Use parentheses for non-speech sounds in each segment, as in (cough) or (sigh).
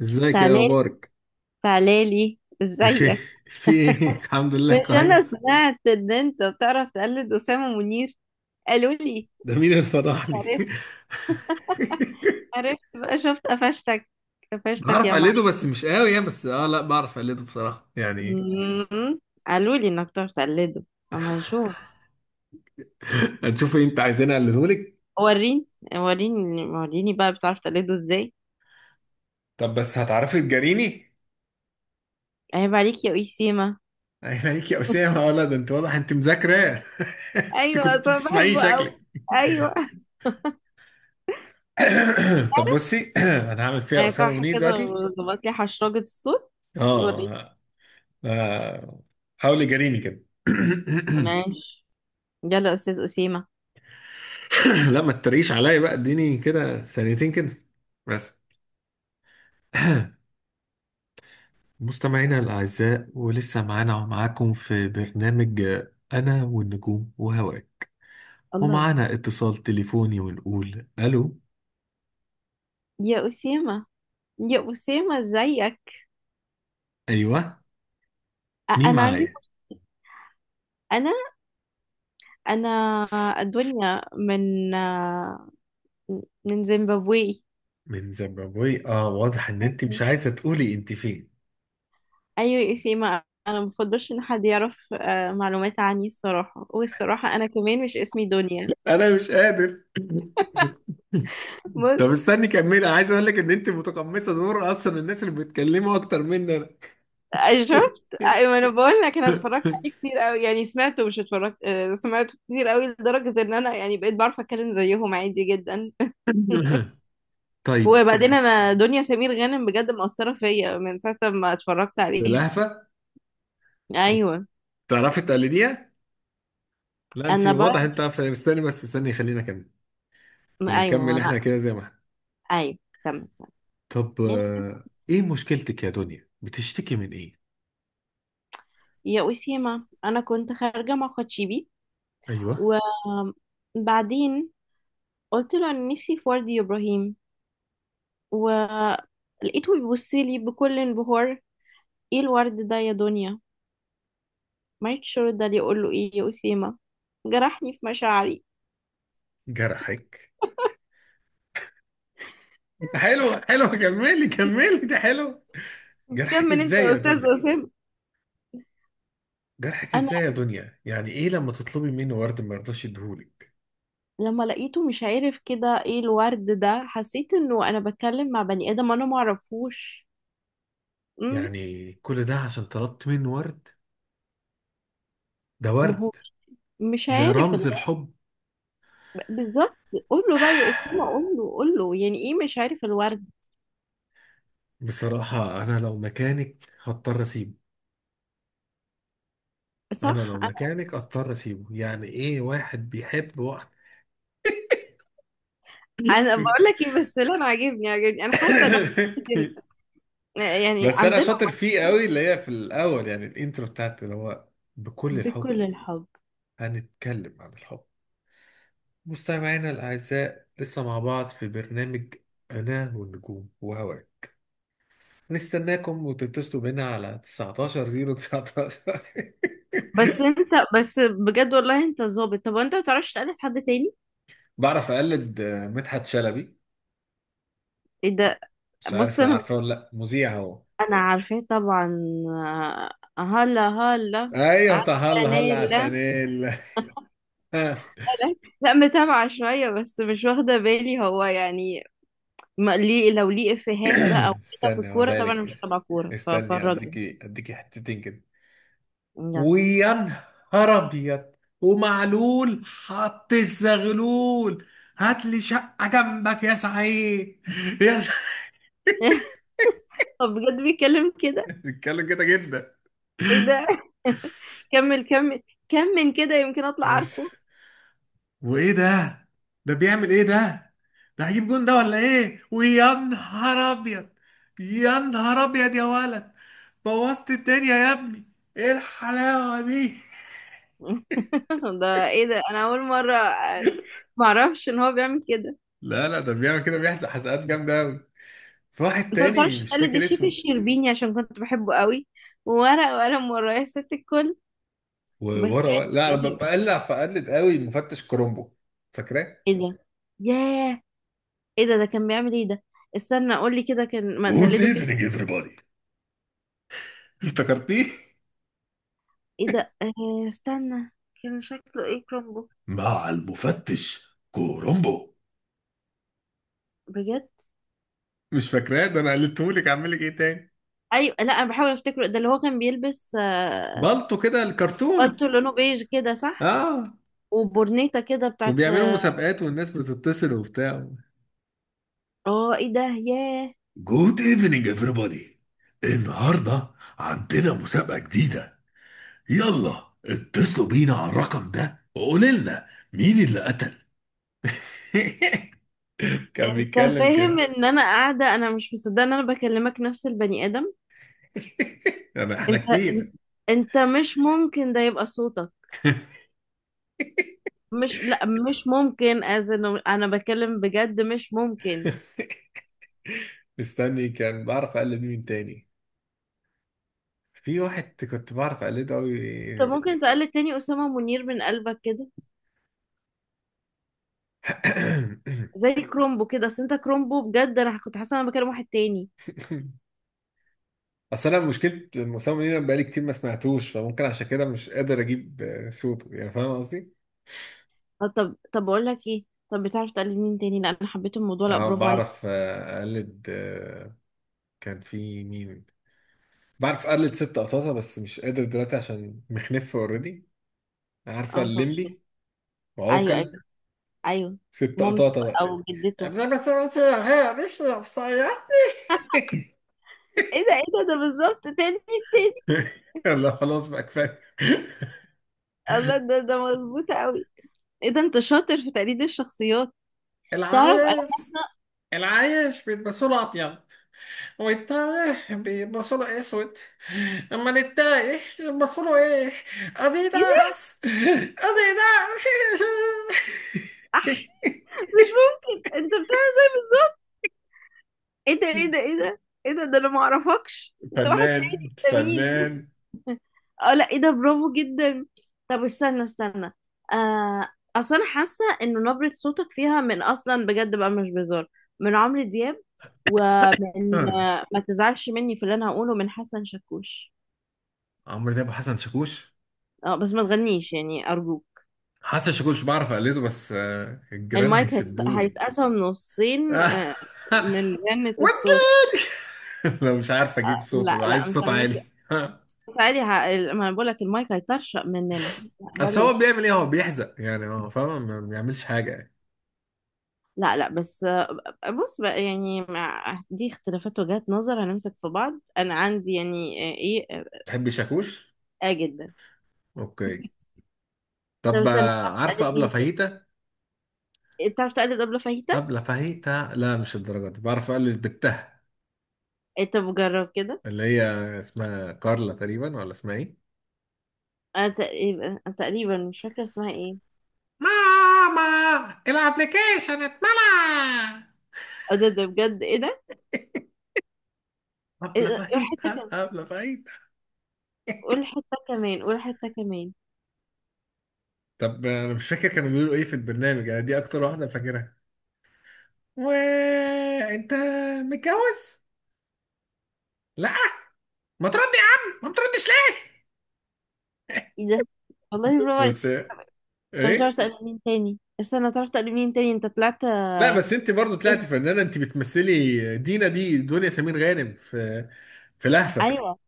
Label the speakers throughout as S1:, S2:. S1: ازيك يا
S2: تعالي،
S1: اخبارك؟
S2: تعالي، ازيك؟
S1: بخير. في ايه؟ (laughs) الحمد لله
S2: مش انا
S1: كويس.
S2: سمعت ان انت بتعرف تقلد اسامه منير؟ قالوا لي.
S1: ده مين اللي فضحني؟
S2: عرفت. (laughs)
S1: (laughs)
S2: عرفت بقى، شفت؟ قفشتك، قفشتك
S1: بعرف
S2: يا
S1: اقلده
S2: معلم.
S1: بس مش قوي يعني. بس لا بعرف اقلده بصراحه يعني.
S2: قالوا لي انك بتعرف تقلده، اما نشوف.
S1: (laughs) هتشوفي. انت عايزين اقلده لك؟
S2: وريني، وريني، وريني بقى، بتعرف تقلده ازاي؟
S1: طب بس هتعرفي تجاريني؟ (laughs)
S2: عيب عليك يا وسيمه.
S1: عيب عليك يا اسامه. ولا ده انت واضح انت مذاكره. (laughs) انت
S2: ايوه،
S1: كنت
S2: اصلا
S1: بتسمعيه
S2: بحبه قوي.
S1: شكلك.
S2: ايوه.
S1: (coughs) طب بصي، (coughs) انا هعمل فيها اسامه
S2: هيقعها
S1: منير
S2: كده
S1: دلوقتي.
S2: وظبط لي حشرجه الصوت. وريني.
S1: اه. آه، حاولي جاريني كده. (coughs)
S2: ماشي. يلا يا استاذ اسيمه.
S1: (clears throat) لا ما تتريقش عليا بقى، اديني كده ثانيتين كده بس. (clears throat) مستمعينا الأعزاء، ولسه معانا ومعاكم في برنامج أنا والنجوم وهواك.
S2: الله.
S1: ومعانا اتصال تليفوني، ونقول ألو.
S2: يا أسامة، يا أسامة، ازيك؟
S1: أيوه، مين
S2: أنا عندي.
S1: معايا؟
S2: أنا أنا الدنيا من زيمبابوي.
S1: من زيمبابوي؟ اه، واضح ان انت مش
S2: أيوة.
S1: عايزة تقولي انت فين.
S2: أيوة يا أسامة، أنا مفضلش إن حد يعرف معلومات عني الصراحة، والصراحة أنا كمان مش اسمي دنيا.
S1: انا مش قادر. (laughs)
S2: بص.
S1: طب استني كملي، عايز اقول لك ان انت متقمصة دور اصلا الناس اللي بيتكلموا اكتر مني انا.
S2: شفت؟ أيوة، أنا بقول لك، أنا اتفرجت عليه كتير أوي، يعني سمعته مش اتفرجت، سمعته كتير أوي لدرجة إن أنا يعني بقيت بعرف أتكلم زيهم عادي جدا.
S1: (laughs) (laughs) طيب.
S2: وبعدين انا دنيا سمير غانم بجد مأثرة فيا من ساعة ما اتفرجت عليها.
S1: باللهفة؟
S2: ايوه.
S1: تعرفي تقلديها؟ لا انت
S2: انا بقى.
S1: واضح انت عارفه يعني. استني بس، استني خلينا كمل.
S2: ايوه،
S1: نكمل احنا
S2: انا.
S1: كده زي ما احنا.
S2: ايوه. تمام.
S1: طب
S2: يعني،
S1: ايه مشكلتك يا دنيا؟ بتشتكي من ايه؟
S2: يا أسيما، انا كنت خارجة مع خدشيبي.
S1: ايوه.
S2: وبعدين قلت له: انا نفسي في ورد يا ابراهيم. ولقيته بيبص لي بكل انبهار. ايه الورد ده يا دنيا؟ مالكش رد عليه. اقول له ايه يا أسيما؟ جرحني في مشاعري.
S1: جرحك؟ حلو حلو، كملي كملي، ده حلو. جرحك
S2: كمل انت
S1: ازاي
S2: يا
S1: يا
S2: استاذ
S1: دنيا؟
S2: أسامة.
S1: جرحك ازاي يا دنيا؟ يعني ايه لما تطلبي منه ورد ما يرضاش يديهولك؟
S2: لما لقيته مش عارف كده ايه الورد ده، حسيت انه انا بتكلم مع بني ادم انا معرفوش. امم
S1: يعني كل ده عشان طلبت منه ورد؟ ده
S2: ما
S1: ورد،
S2: هو مش
S1: ده
S2: عارف
S1: رمز الحب.
S2: بالظبط. قول له بقى يا اسامه، قول له،
S1: (sighs)
S2: قول له، يعني ايه مش عارف الورد؟
S1: بصراحة أنا لو مكانك هضطر أسيبه. انا
S2: صح.
S1: لو
S2: انا
S1: مكانك اضطر اسيبه. يعني ايه واحد بيحب وقت؟
S2: انا بقول لك
S1: (laughs)
S2: ايه، بس لا انا عاجبني عاجبني، انا حاسه ان يعني
S1: بس انا
S2: عندنا.
S1: شاطر فيه قوي، اللي هي في الاول يعني الانترو بتاعت اللي هو بكل الحب.
S2: بكل الحب.
S1: هنتكلم عن الحب. مستمعينا الاعزاء، لسه مع بعض في برنامج انا والنجوم وهواك. نستناكم وتتصلوا بينا على 19 019.
S2: بس انت،
S1: (laughs)
S2: بس بجد والله انت ظابط. طب وانت ما بتعرفش تقلد حد تاني؟
S1: بعرف اقلد مدحت شلبي.
S2: ايه ده؟
S1: مش
S2: بص،
S1: عارف
S2: انا
S1: عارفه ولا لا، مذيع هو.
S2: انا عارفاه طبعا. هلا هلا.
S1: ايوه، بتاع هلا
S2: عارفه
S1: هلا على
S2: نيلا.
S1: الفانيلا. (laughs)
S2: (laughs) لا، متابعه شويه بس مش واخده بالي هو يعني، ما ليه، لو ليه افيهات بقى وكده في
S1: استني
S2: الكوره،
S1: هقولها
S2: طبعا أنا
S1: لك،
S2: مش تبع كوره،
S1: استني
S2: ففرجني.
S1: اديكي حتتين كده.
S2: يلا.
S1: ويا نهار ابيض، ومعلول حط الزغلول، هات لي شقه جنبك يا سعيد، يا سعيد.
S2: (laughs) طب بجد بيتكلم كده؟
S1: (laughs) بيتكلم كده جدا.
S2: ايه ده؟ (laughs) كمل، كمل، كمل كده يمكن اطلع
S1: بس.
S2: عارفه.
S1: وايه ده؟ ده بيعمل ايه ده؟ ده هيجيب جون ده ولا ايه؟ ويا نهار ابيض، يا نهار ابيض يا ولد، بوظت الدنيا يا ابني، ايه الحلاوه دي. (laughs)
S2: (laughs) ده ايه ده؟ انا اول مره معرفش ان هو بيعمل كده.
S1: لا لا، ده بيعمل كده، بيحزق حزقات جامده قوي. في واحد
S2: انت ما
S1: تاني
S2: تعرفش
S1: مش
S2: تقلد
S1: فاكر
S2: الشيف
S1: اسمه.
S2: الشربيني؟ عشان كنت بحبه قوي، وورق وقلم ورايا ست الكل. بس،
S1: لا انا
S2: يعني،
S1: بقلع فقلب قوي، مفتش كرومبو. فاكراه؟
S2: ايه ده؟ ياه. ايه ده؟ ده كان بيعمل ايه ده؟ استنى قول لي كده كان، ما
S1: جود
S2: تقلده كده.
S1: ايفنينج everybody. افتكرتيه؟
S2: ايه ده؟ آه، استنى. كان شكله ايه كرومبو؟
S1: مع المفتش كورومبو.
S2: بجد.
S1: مش فاكراه؟ ده انا قلتهولك، اعمل لك ايه تاني؟
S2: ايوه، لا انا بحاول افتكره، ده اللي هو كان بيلبس. آه،
S1: بالطو كده الكرتون.
S2: بالتو لونه بيج كده، صح.
S1: اه.
S2: وبورنيتا كده بتاعت.
S1: وبيعملوا مسابقات والناس بتتصل وبتاع.
S2: اه، ايه ده؟ ياه.
S1: جود ايفنينج everybody، النهارده عندنا مسابقة جديدة، يلا اتصلوا بينا على الرقم ده وقولوا لنا مين اللي قتل. (laughs) كان
S2: انت
S1: بيتكلم
S2: فاهم
S1: كده.
S2: ان انا قاعده انا مش مصدقه ان انا بكلمك نفس البني ادم؟
S1: (laughs) انا احنا
S2: انت،
S1: كتير.
S2: انت مش ممكن ده يبقى صوتك. مش، لا، مش ممكن، از انه انا بتكلم بجد، مش ممكن.
S1: مستني كان بعرف اقلد مين تاني. في واحد كنت بعرف اقلده قوي.
S2: انت ممكن تقلد تاني اسامه منير من قلبك كده، زي كرومبو كده؟ اصل انت كرومبو بجد، انا كنت حاسه انا بكلم واحد تاني.
S1: (coughs) اصل انا مشكله مصمم لينا بقالي كتير ما سمعتوش، فممكن عشان كده مش قادر اجيب صوته، يعني فاهم قصدي.
S2: طب، طب، طب، بقول لك ايه، طب بتعرف تقلد مين تاني؟ لا انا حبيت الموضوع، لا
S1: انا
S2: برافو عليك.
S1: بعرف اقلد كان في مين؟ بعرف اقلد ست قطاطه بس مش قادر دلوقتي عشان مخنف اوريدي. عارفه
S2: اه، فاهمة.
S1: الليمبي
S2: ايوه،
S1: وعوكل؟
S2: ايوه. ايوه.
S1: ست
S2: مامته بقى
S1: قطاطه.
S2: او جدته.
S1: انما مثلا هي مش نفسية. (laughs)
S2: ايه ده؟ ايه ده؟ ده بالظبط. تاني، تاني.
S1: (laughs) يلا خلاص بقى كفايه.
S2: الله، ده مظبوط قوي. ايه ده؟ انت شاطر في تقليد الشخصيات. تعرف انا
S1: العايش،
S2: حاسه.
S1: العايش بيلبسوا له ابيض، والتايه بيلبسوا له اسود. اما التايه بيلبسوا له ايه؟
S2: ايه ده؟
S1: اديداس، اديداس. (laughs)
S2: أح. مش ممكن، انت بتعمل زي بالظبط. ايه ده؟ ايه ده؟ ايه ده؟ ايه ده؟ ده انا ما اعرفكش، انت واحد
S1: فنان،
S2: تاني، انت مين؟
S1: فنان.
S2: اه لا، ايه ده؟ برافو جدا. طب استنى، استنى. آه. اصل انا حاسه انه نبره صوتك فيها من اصلا بجد بقى، مش بهزار، من عمرو دياب، ومن
S1: آه.
S2: ما تزعلش مني في اللي انا هقوله، من حسن شاكوش.
S1: عمرو دياب وحسن شاكوش.
S2: اه، بس ما تغنيش يعني ارجوك.
S1: حسن شاكوش بعرف اقلده بس الجيران
S2: المايك
S1: هيسبولي.
S2: هيتقسم نصين.
S1: آه.
S2: من غنة الصوت.
S1: وجد. (laughs) لو مش عارف اجيب
S2: لا
S1: صوته
S2: لا،
S1: عايز
S2: مش
S1: صوت
S2: هنمشي.
S1: عالي. (laughs)
S2: بس عادي، ما انا بقول لك المايك هيطرشق مننا. لا،
S1: اصل هو
S2: بلاش.
S1: بيعمل ايه؟ هو بيحزق يعني، هو فاهم ما بيعملش حاجه يعني.
S2: لا لا، بس بص بقى، يعني مع دي اختلافات وجهات نظر هنمسك في بعض. انا عندي يعني، ايه، اه.
S1: تحب شاكوش؟
S2: آه، جدا.
S1: اوكي.
S2: طب
S1: طب
S2: استنى، بتعرف
S1: عارفه
S2: تقلد
S1: ابله
S2: مين تاني؟
S1: فاهيتا؟
S2: إيه، بتعرف تقلد أبلة فاهيتا؟
S1: ابله فاهيتا لا مش الدرجه دي، بعرف اقلد بالتها.
S2: إيه، طب جرب كده.
S1: اللي هي اسمها كارلا تقريبا ولا اسمها ايه؟
S2: انا تقريبا، أنا تقريبا مش فاكره اسمها ايه.
S1: ماما الابلكيشن اتملى.
S2: اه، ده ده بجد، ايه ده؟ إيه
S1: ابله
S2: ده؟ قول حته
S1: فاهيتا،
S2: كمان،
S1: ابله فاهيتا.
S2: قول
S1: (laughs)
S2: حته كمان، قول حته كمان.
S1: طب انا مش فاكر كانوا بيقولوا ايه في البرنامج. انا دي اكتر واحده فاكرها. وانت متجوز؟ لا. ما ترد يا عم، ما بتردش ليه؟
S2: ايه ده؟ والله برافو عليك.
S1: بس
S2: طب بتعرف
S1: ايه؟
S2: تقلد مين تاني؟ استنى، بتعرف تقلد مين تاني؟ انت طلعت
S1: لا بس انت برضو
S2: كده.
S1: طلعتي فنانه. انت بتمثلي دينا، دي دنيا سمير غانم في في لهفه.
S2: ايوه،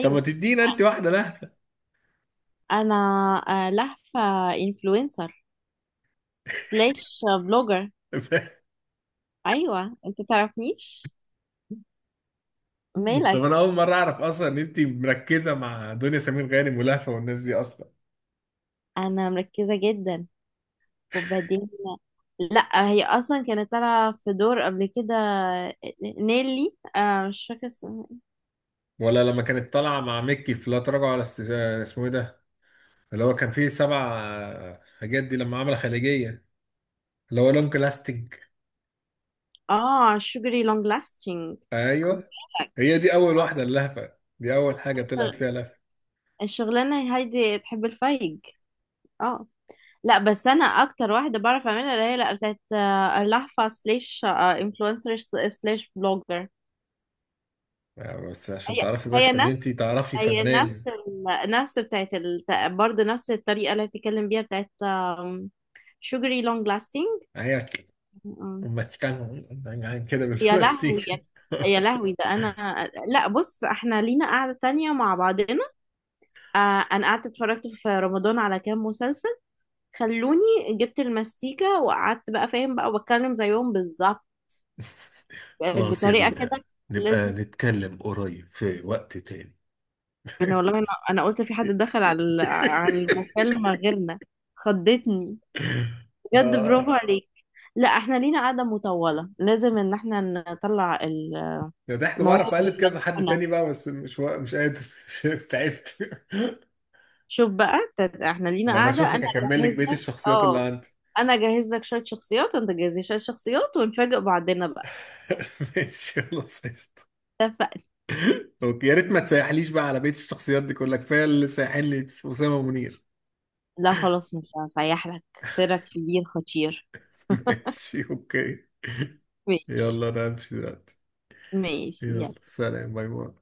S1: طب ما تدينا انت واحده لهفه.
S2: انا، لهفة انفلونسر سلاش بلوجر.
S1: (laughs)
S2: ايوه انت تعرفنيش، مالك.
S1: طب انا اول مره اعرف اصلا ان انت مركزه مع دنيا سمير غانم ولهفه والناس دي اصلا.
S2: انا مركزة جدا. وبعدين لا، هي اصلا كانت طالعة في دور قبل كده، نيلي، آه مش فاكرة اسمها.
S1: لما كانت طالعه مع مكي في لا تراجع ولا اسمه ايه ده؟ اللي هو كان فيه سبع حاجات دي لما عمل خليجيه، اللي هو لونج لاستنج.
S2: اه، شوجري لونج لاستنج. خد
S1: ايوه. هي دي اول واحده اللهفه، دي اول حاجه طلعت فيها
S2: بالك،
S1: لهفه.
S2: الشغلانة هايدي تحب الفايج. اه، لا بس انا اكتر واحدة بعرف اعملها اللي هي لا، بتاعت لهفة سلاش انفلونسر سلاش بلوجر.
S1: بس عشان
S2: هي
S1: تعرفي
S2: هي
S1: بس ان انت
S2: نفس،
S1: تعرفي
S2: هي
S1: فنان.
S2: نفس نفس بتاعت برضه نفس الطريقة اللي بتتكلم بيها بتاعت شوجري لونج لاستنج.
S1: هي ماسكان كده
S2: يا لهوي
S1: بالماستيك.
S2: يا، يا لهوي، ده انا، لا بص احنا لينا قعدة تانية مع بعضنا. آه. انا قعدت اتفرجت في رمضان على كام مسلسل خلوني، جبت الماستيكة وقعدت بقى فاهم بقى وبتكلم زيهم بالظبط
S1: (laughs) خلاص يا
S2: بطريقة
S1: دينا،
S2: كده.
S1: نبقى
S2: لازم.
S1: نتكلم قريب في وقت تاني.
S2: انا والله، انا قلت في حد دخل على على
S1: (laughs)
S2: المكالمة غيرنا. خضتني. بجد برافو
S1: اه
S2: عليك. لا احنا لينا قعدة مطولة، لازم ان احنا نطلع
S1: ده ضحك.
S2: المواهب
S1: بعرف اقلد كذا حد
S2: المدفونة.
S1: تاني بقى بس مش قادر، (laughs) مش قادر، تعبت. (laughs)
S2: شوف بقى، احنا لينا
S1: لما
S2: قعدة. انا
S1: اشوفك اكمل لك
S2: اجهز
S1: بقيه
S2: لك.
S1: الشخصيات اللي
S2: اه.
S1: عندي.
S2: انا اجهز لك شوية شخصيات، انت تجهزي شوية شخصيات، ونفاجئ بعضنا بقى.
S1: (laughs) ماشي خلاص، قشطة.
S2: اتفقنا.
S1: اوكي، يا ريت ما تسيحليش بقى على بقية الشخصيات دي كلها، كفاية اللي سايحين لي في أسامة منير.
S2: لا خلاص، مش هسيح لك سرك في دي الخطير.
S1: (laughs) ماشي اوكي.
S2: ماشي.
S1: يلا انا همشي دلوقتي.
S2: ماشي
S1: يلا
S2: يلا
S1: سلام، باي باي.